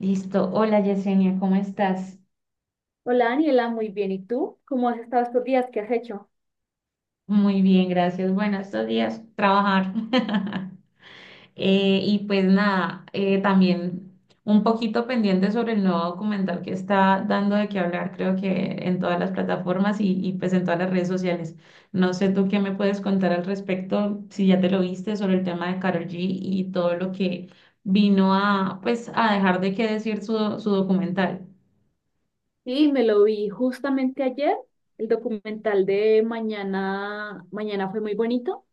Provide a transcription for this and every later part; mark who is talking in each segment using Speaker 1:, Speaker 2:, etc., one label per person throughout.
Speaker 1: Listo. Hola Yesenia, ¿cómo estás?
Speaker 2: Hola Daniela, muy bien. ¿Y tú? ¿Cómo has estado estos días? ¿Qué has hecho?
Speaker 1: Muy bien, gracias. Bueno, estos días trabajar. Y pues nada, también un poquito pendiente sobre el nuevo documental que está dando de qué hablar, creo que en todas las plataformas y pues en todas las redes sociales. No sé tú qué me puedes contar al respecto, si ya te lo viste sobre el tema de Karol G y todo lo que vino a pues a dejar de qué decir su documental.
Speaker 2: Sí, me lo vi justamente ayer. El documental de Mañana, Mañana fue muy bonito.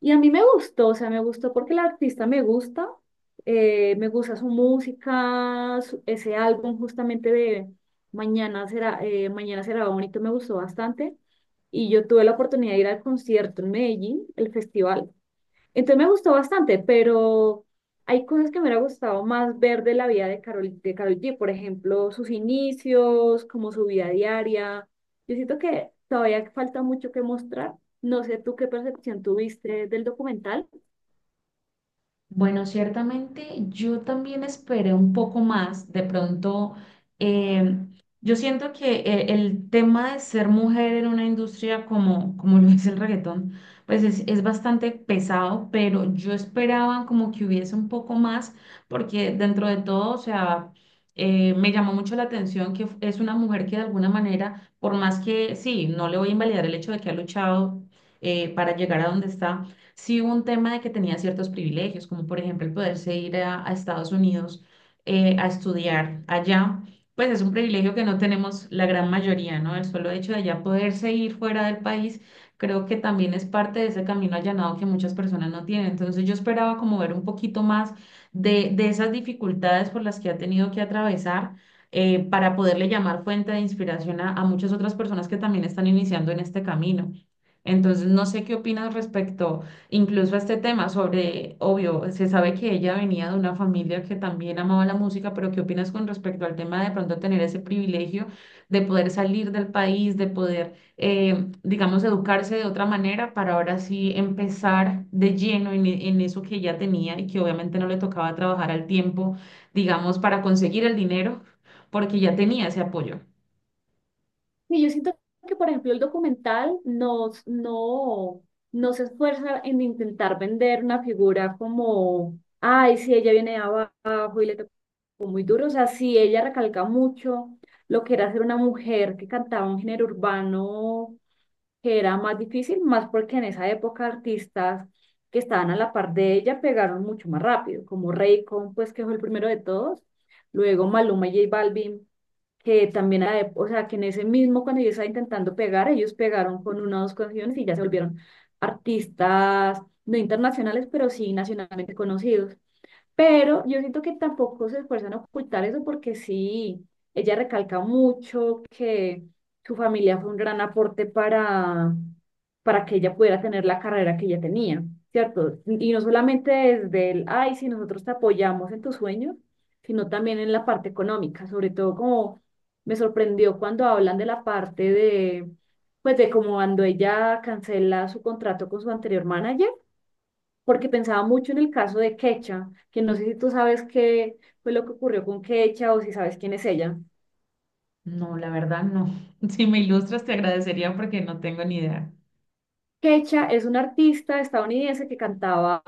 Speaker 2: Y a mí me gustó, o sea, me gustó porque la artista me gusta. Me gusta su música, ese álbum justamente de Mañana será bonito, me gustó bastante. Y yo tuve la oportunidad de ir al concierto en Medellín, el festival. Entonces me gustó bastante, pero hay cosas que me hubiera gustado más ver de la vida de Carol, de Karol G, por ejemplo, sus inicios, como su vida diaria. Yo siento que todavía falta mucho que mostrar. No sé tú qué percepción tuviste del documental.
Speaker 1: Bueno, ciertamente yo también esperé un poco más. De pronto, eh, yo siento que el tema de ser mujer en una industria como lo es el reggaetón, pues es bastante pesado, pero yo esperaba como que hubiese un poco más, porque dentro de todo, o sea, me llamó mucho la atención que es una mujer que de alguna manera, por más que sí, no le voy a invalidar el hecho de que ha luchado para llegar a donde está sí hubo un tema de que tenía ciertos privilegios, como por ejemplo el poderse ir a Estados Unidos a estudiar allá, pues es un privilegio que no tenemos la gran mayoría, ¿no? El solo hecho de allá poderse ir fuera del país, creo que también es parte de ese camino allanado que muchas personas no tienen. Entonces yo esperaba como ver un poquito más de esas dificultades por las que ha tenido que atravesar. Para poderle llamar fuente de inspiración a muchas otras personas que también están iniciando en este camino. Entonces, no sé qué opinas respecto. Incluso este tema sobre, obvio, se sabe que ella venía de una familia que también amaba la música, pero ¿qué opinas con respecto al tema de pronto tener ese privilegio de poder salir del país, de poder, digamos, educarse de otra manera para ahora sí empezar de lleno en, en eso que ella tenía y que obviamente no le tocaba trabajar al tiempo, digamos, para conseguir el dinero, porque ya tenía ese apoyo?
Speaker 2: Sí, yo siento que, por ejemplo, el documental nos, no, no se esfuerza en intentar vender una figura como, ay, si ella viene de abajo y le tocó muy duro. O sea, sí, ella recalca mucho lo que era ser una mujer que cantaba un género urbano que era más difícil, más porque en esa época artistas que estaban a la par de ella pegaron mucho más rápido, como Raycon, pues que fue el primero de todos, luego Maluma y J Balvin que también, o sea, que en ese mismo, cuando yo estaba intentando pegar, ellos pegaron con una o dos canciones y ya se volvieron artistas, no internacionales, pero sí nacionalmente conocidos. Pero yo siento que tampoco se esfuerzan a ocultar eso porque sí, ella recalca mucho que su familia fue un gran aporte para que ella pudiera tener la carrera que ella tenía, ¿cierto? Y no solamente desde el, ay, si nosotros te apoyamos en tus sueños, sino también en la parte económica, sobre todo como me sorprendió cuando hablan de la parte de, pues de como cuando ella cancela su contrato con su anterior manager porque pensaba mucho en el caso de Quecha, que no sé si tú sabes qué fue lo que ocurrió con Quecha o si sabes quién es ella.
Speaker 1: No, la verdad no. Si me ilustras, te agradecería porque no tengo ni idea.
Speaker 2: Kecha es una artista estadounidense que cantaba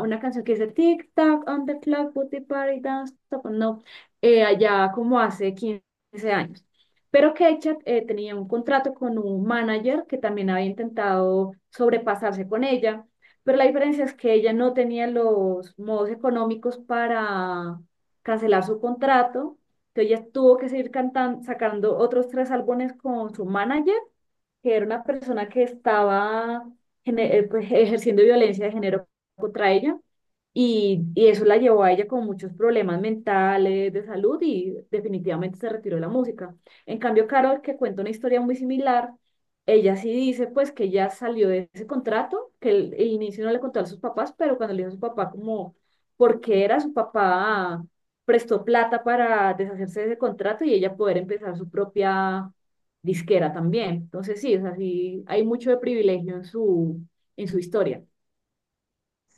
Speaker 2: una canción que dice Tic Tac on the clock, put the party down, stop. No, allá como hace 15 años. Pero Kecha tenía un contrato con un manager que también había intentado sobrepasarse con ella, pero la diferencia es que ella no tenía los modos económicos para cancelar su contrato, entonces ella tuvo que seguir cantando, sacando otros tres álbumes con su manager que era una persona que estaba pues, ejerciendo violencia de género contra ella y eso la llevó a ella con muchos problemas mentales, de salud y definitivamente se retiró de la música. En cambio, Carol, que cuenta una historia muy similar, ella sí dice pues que ya salió de ese contrato, que el inicio no le contó a sus papás, pero cuando le dijo a su papá como por qué era su papá prestó plata para deshacerse de ese contrato y ella poder empezar su propia disquera también. Entonces sí, o sea, sí, hay mucho de privilegio en en su historia.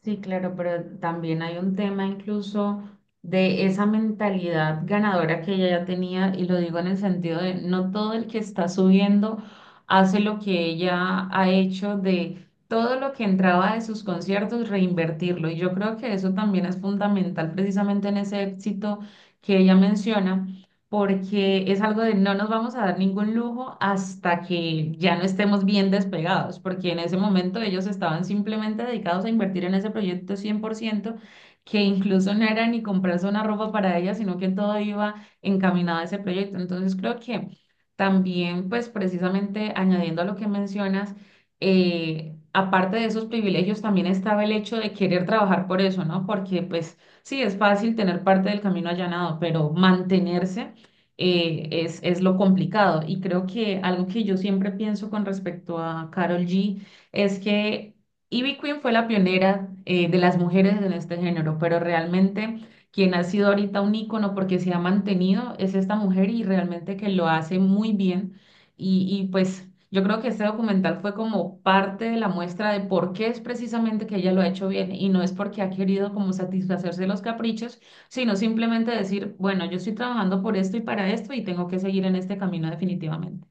Speaker 1: Sí, claro, pero también hay un tema incluso de esa mentalidad ganadora que ella ya tenía, y lo digo en el sentido de no todo el que está subiendo hace lo que ella ha hecho de todo lo que entraba de sus conciertos, reinvertirlo. Y yo creo que eso también es fundamental precisamente en ese éxito que ella menciona porque es algo de no nos vamos a dar ningún lujo hasta que ya no estemos bien despegados, porque en ese momento ellos estaban simplemente dedicados a invertir en ese proyecto 100% que incluso no era ni comprarse una ropa para ella, sino que todo iba encaminado a ese proyecto. Entonces creo que también, pues precisamente añadiendo a lo que mencionas, aparte de esos privilegios, también estaba el hecho de querer trabajar por eso, ¿no? Porque pues sí, es fácil tener parte del camino allanado, pero mantenerse es lo complicado. Y creo que algo que yo siempre pienso con respecto a Carol G es que Ivy Queen fue la pionera de las mujeres en este género, pero realmente quien ha sido ahorita un ícono porque se ha mantenido es esta mujer y realmente que lo hace muy bien. Y pues yo creo que este documental fue como parte de la muestra de por qué es precisamente que ella lo ha hecho bien y no es porque ha querido como satisfacerse los caprichos sino simplemente decir, bueno, yo estoy trabajando por esto y para esto y tengo que seguir en este camino definitivamente.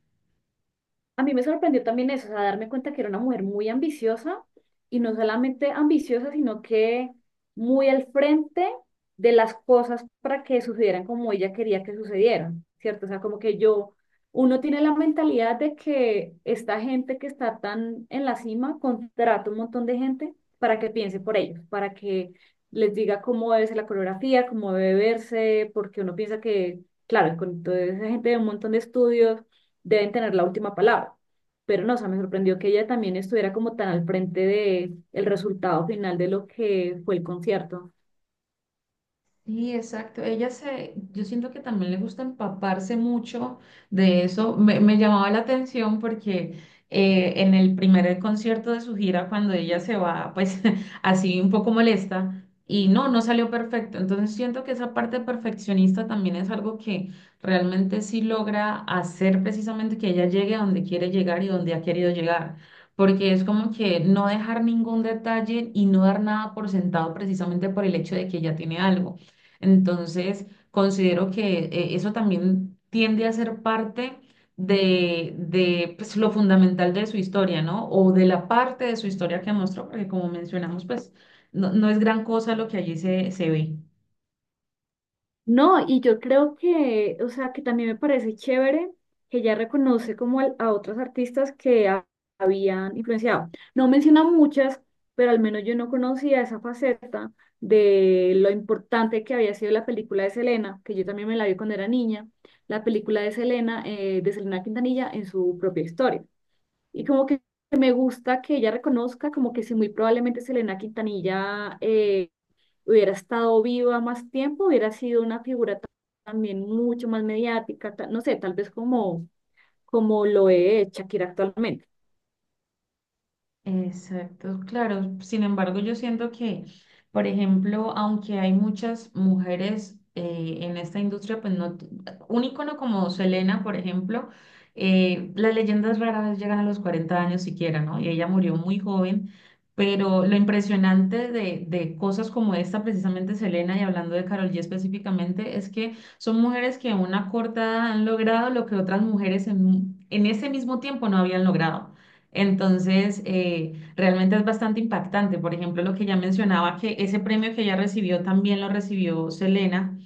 Speaker 2: A mí me sorprendió también eso, o sea, darme cuenta que era una mujer muy ambiciosa y no solamente ambiciosa, sino que muy al frente de las cosas para que sucedieran como ella quería que sucedieran, ¿cierto? O sea, como que yo, uno tiene la mentalidad de que esta gente que está tan en la cima contrata un montón de gente para que piense por ellos, para que les diga cómo debe ser la coreografía, cómo debe verse, porque uno piensa que, claro, con toda esa gente de un montón de estudios deben tener la última palabra. Pero no, o sea, me sorprendió que ella también estuviera como tan al frente de el resultado final de lo que fue el concierto.
Speaker 1: Sí, exacto. Yo siento que también le gusta empaparse mucho de eso. Me llamaba la atención porque en el primer concierto de su gira, cuando ella se va, pues así un poco molesta y no salió perfecto. Entonces siento que esa parte perfeccionista también es algo que realmente sí logra hacer precisamente que ella llegue a donde quiere llegar y donde ha querido llegar. Porque es como que no dejar ningún detalle y no dar nada por sentado precisamente por el hecho de que ella tiene algo. Entonces, considero que eso también tiende a ser parte de pues, lo fundamental de su historia, ¿no? O de la parte de su historia que mostró, porque como mencionamos, pues no, no es gran cosa lo que allí se ve.
Speaker 2: No, y yo creo que, o sea, que también me parece chévere que ella reconoce como a otros artistas que habían influenciado. No menciona muchas, pero al menos yo no conocía esa faceta de lo importante que había sido la película de Selena, que yo también me la vi cuando era niña, la película de Selena Quintanilla en su propia historia. Y como que me gusta que ella reconozca como que si muy probablemente Selena Quintanilla hubiera estado viva más tiempo, hubiera sido una figura también mucho más mediática, no sé, tal vez como, como lo es Shakira actualmente.
Speaker 1: Exacto, claro. Sin embargo, yo siento que, por ejemplo, aunque hay muchas mujeres en esta industria, pues no, un ícono como Selena, por ejemplo, las leyendas rara vez llegan a los 40 años siquiera, ¿no? Y ella murió muy joven, pero lo impresionante de cosas como esta, precisamente Selena, y hablando de Karol G específicamente, es que son mujeres que a una corta edad han logrado lo que otras mujeres en ese mismo tiempo no habían logrado. Entonces, realmente es bastante impactante. Por ejemplo, lo que ya mencionaba, que ese premio que ella recibió también lo recibió Selena,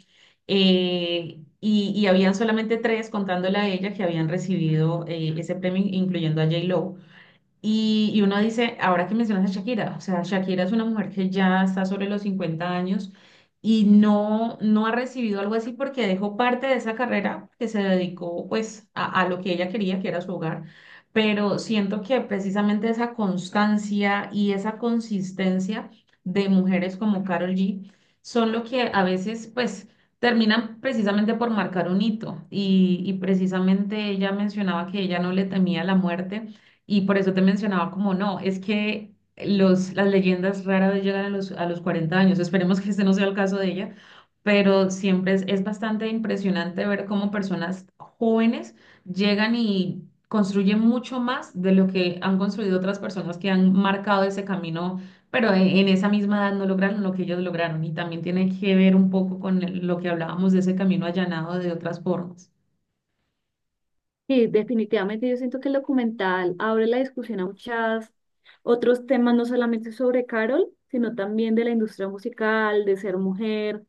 Speaker 1: y habían solamente tres, contándole a ella, que habían recibido ese premio, incluyendo a J-Lo. Y uno dice, ahora que mencionas a Shakira, o sea, Shakira es una mujer que ya está sobre los 50 años y no, no ha recibido algo así porque dejó parte de esa carrera que se dedicó pues a lo que ella quería, que era su hogar. Pero siento que precisamente esa constancia y esa consistencia de mujeres como Karol G son lo que a veces pues terminan precisamente por marcar un hito. Y precisamente ella mencionaba que ella no le temía la muerte y por eso te mencionaba como no, es que las leyendas rara vez llegan a los 40 años. Esperemos que este no sea el caso de ella, pero siempre es bastante impresionante ver cómo personas jóvenes llegan y construyen mucho más de lo que han construido otras personas que han marcado ese camino, pero en esa misma edad no lograron lo que ellos lograron. Y también tiene que ver un poco con lo que hablábamos de ese camino allanado de otras formas.
Speaker 2: Sí, definitivamente yo siento que el documental abre la discusión a muchas otros temas, no solamente sobre Carol, sino también de la industria musical, de ser mujer,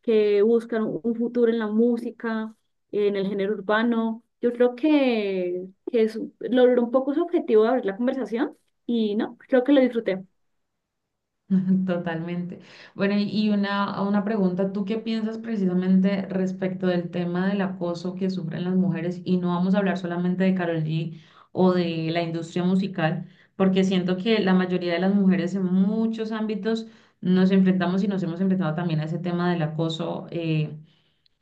Speaker 2: que buscan un futuro en la música, en el género urbano. Yo creo que es, logró un poco su objetivo de abrir la conversación y no, creo que lo disfruté.
Speaker 1: Totalmente. Bueno, y una pregunta, ¿tú qué piensas precisamente respecto del tema del acoso que sufren las mujeres? Y no vamos a hablar solamente de Karol G o de la industria musical, porque siento que la mayoría de las mujeres en muchos ámbitos nos enfrentamos y nos hemos enfrentado también a ese tema del acoso,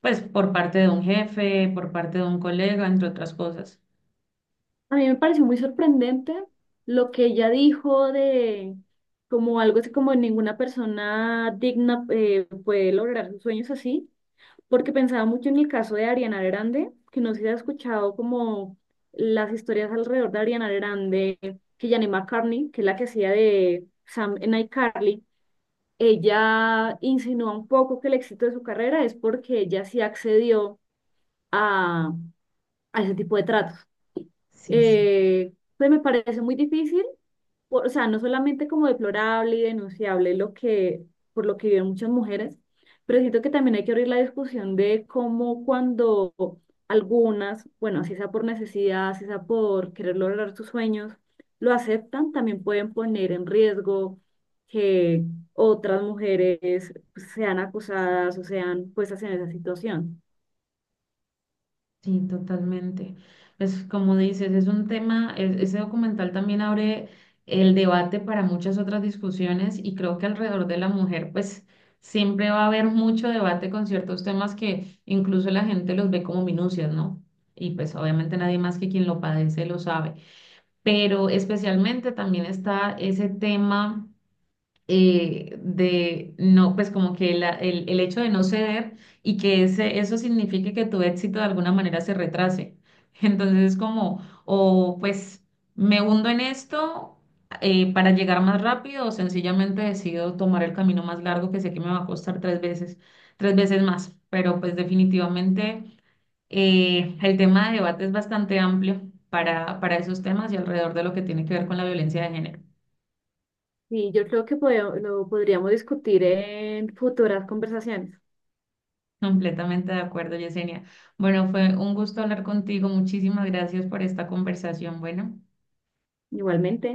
Speaker 1: pues por parte de un jefe, por parte de un colega, entre otras cosas.
Speaker 2: A mí me pareció muy sorprendente lo que ella dijo de como algo así como ninguna persona digna puede lograr sus sueños así. Porque pensaba mucho en el caso de Ariana Grande, que no sé si has escuchado como las historias alrededor de Ariana Grande, que Janelle McCartney, que es la que hacía de Sam en iCarly, ella insinúa un poco que el éxito de su carrera es porque ella sí accedió a, a ese tipo de tratos.
Speaker 1: Sí, sí.
Speaker 2: Pues me parece muy difícil, o sea, no solamente como deplorable y denunciable lo que, por lo que viven muchas mujeres, pero siento que también hay que abrir la discusión de cómo cuando algunas, bueno, así sea por necesidad, así sea por querer lograr sus sueños, lo aceptan, también pueden poner en riesgo que otras mujeres pues, sean acusadas o sean puestas en esa situación.
Speaker 1: Sí, totalmente. Pues como dices, es un tema, ese documental también abre el debate para muchas otras discusiones y creo que alrededor de la mujer, pues siempre va a haber mucho debate con ciertos temas que incluso la gente los ve como minucias, ¿no? Y pues obviamente nadie más que quien lo padece lo sabe. Pero especialmente también está ese tema de no, pues como que el hecho de no ceder y que eso signifique que tu éxito de alguna manera se retrase. Entonces es como, o pues me hundo en esto para llegar más rápido o sencillamente decido tomar el camino más largo que sé que me va a costar tres veces más. Pero pues definitivamente el tema de debate es bastante amplio para esos temas y alrededor de lo que tiene que ver con la violencia de género.
Speaker 2: Sí, yo creo que lo podríamos discutir en futuras conversaciones.
Speaker 1: Completamente de acuerdo, Yesenia. Bueno, fue un gusto hablar contigo. Muchísimas gracias por esta conversación. Bueno.
Speaker 2: Igualmente.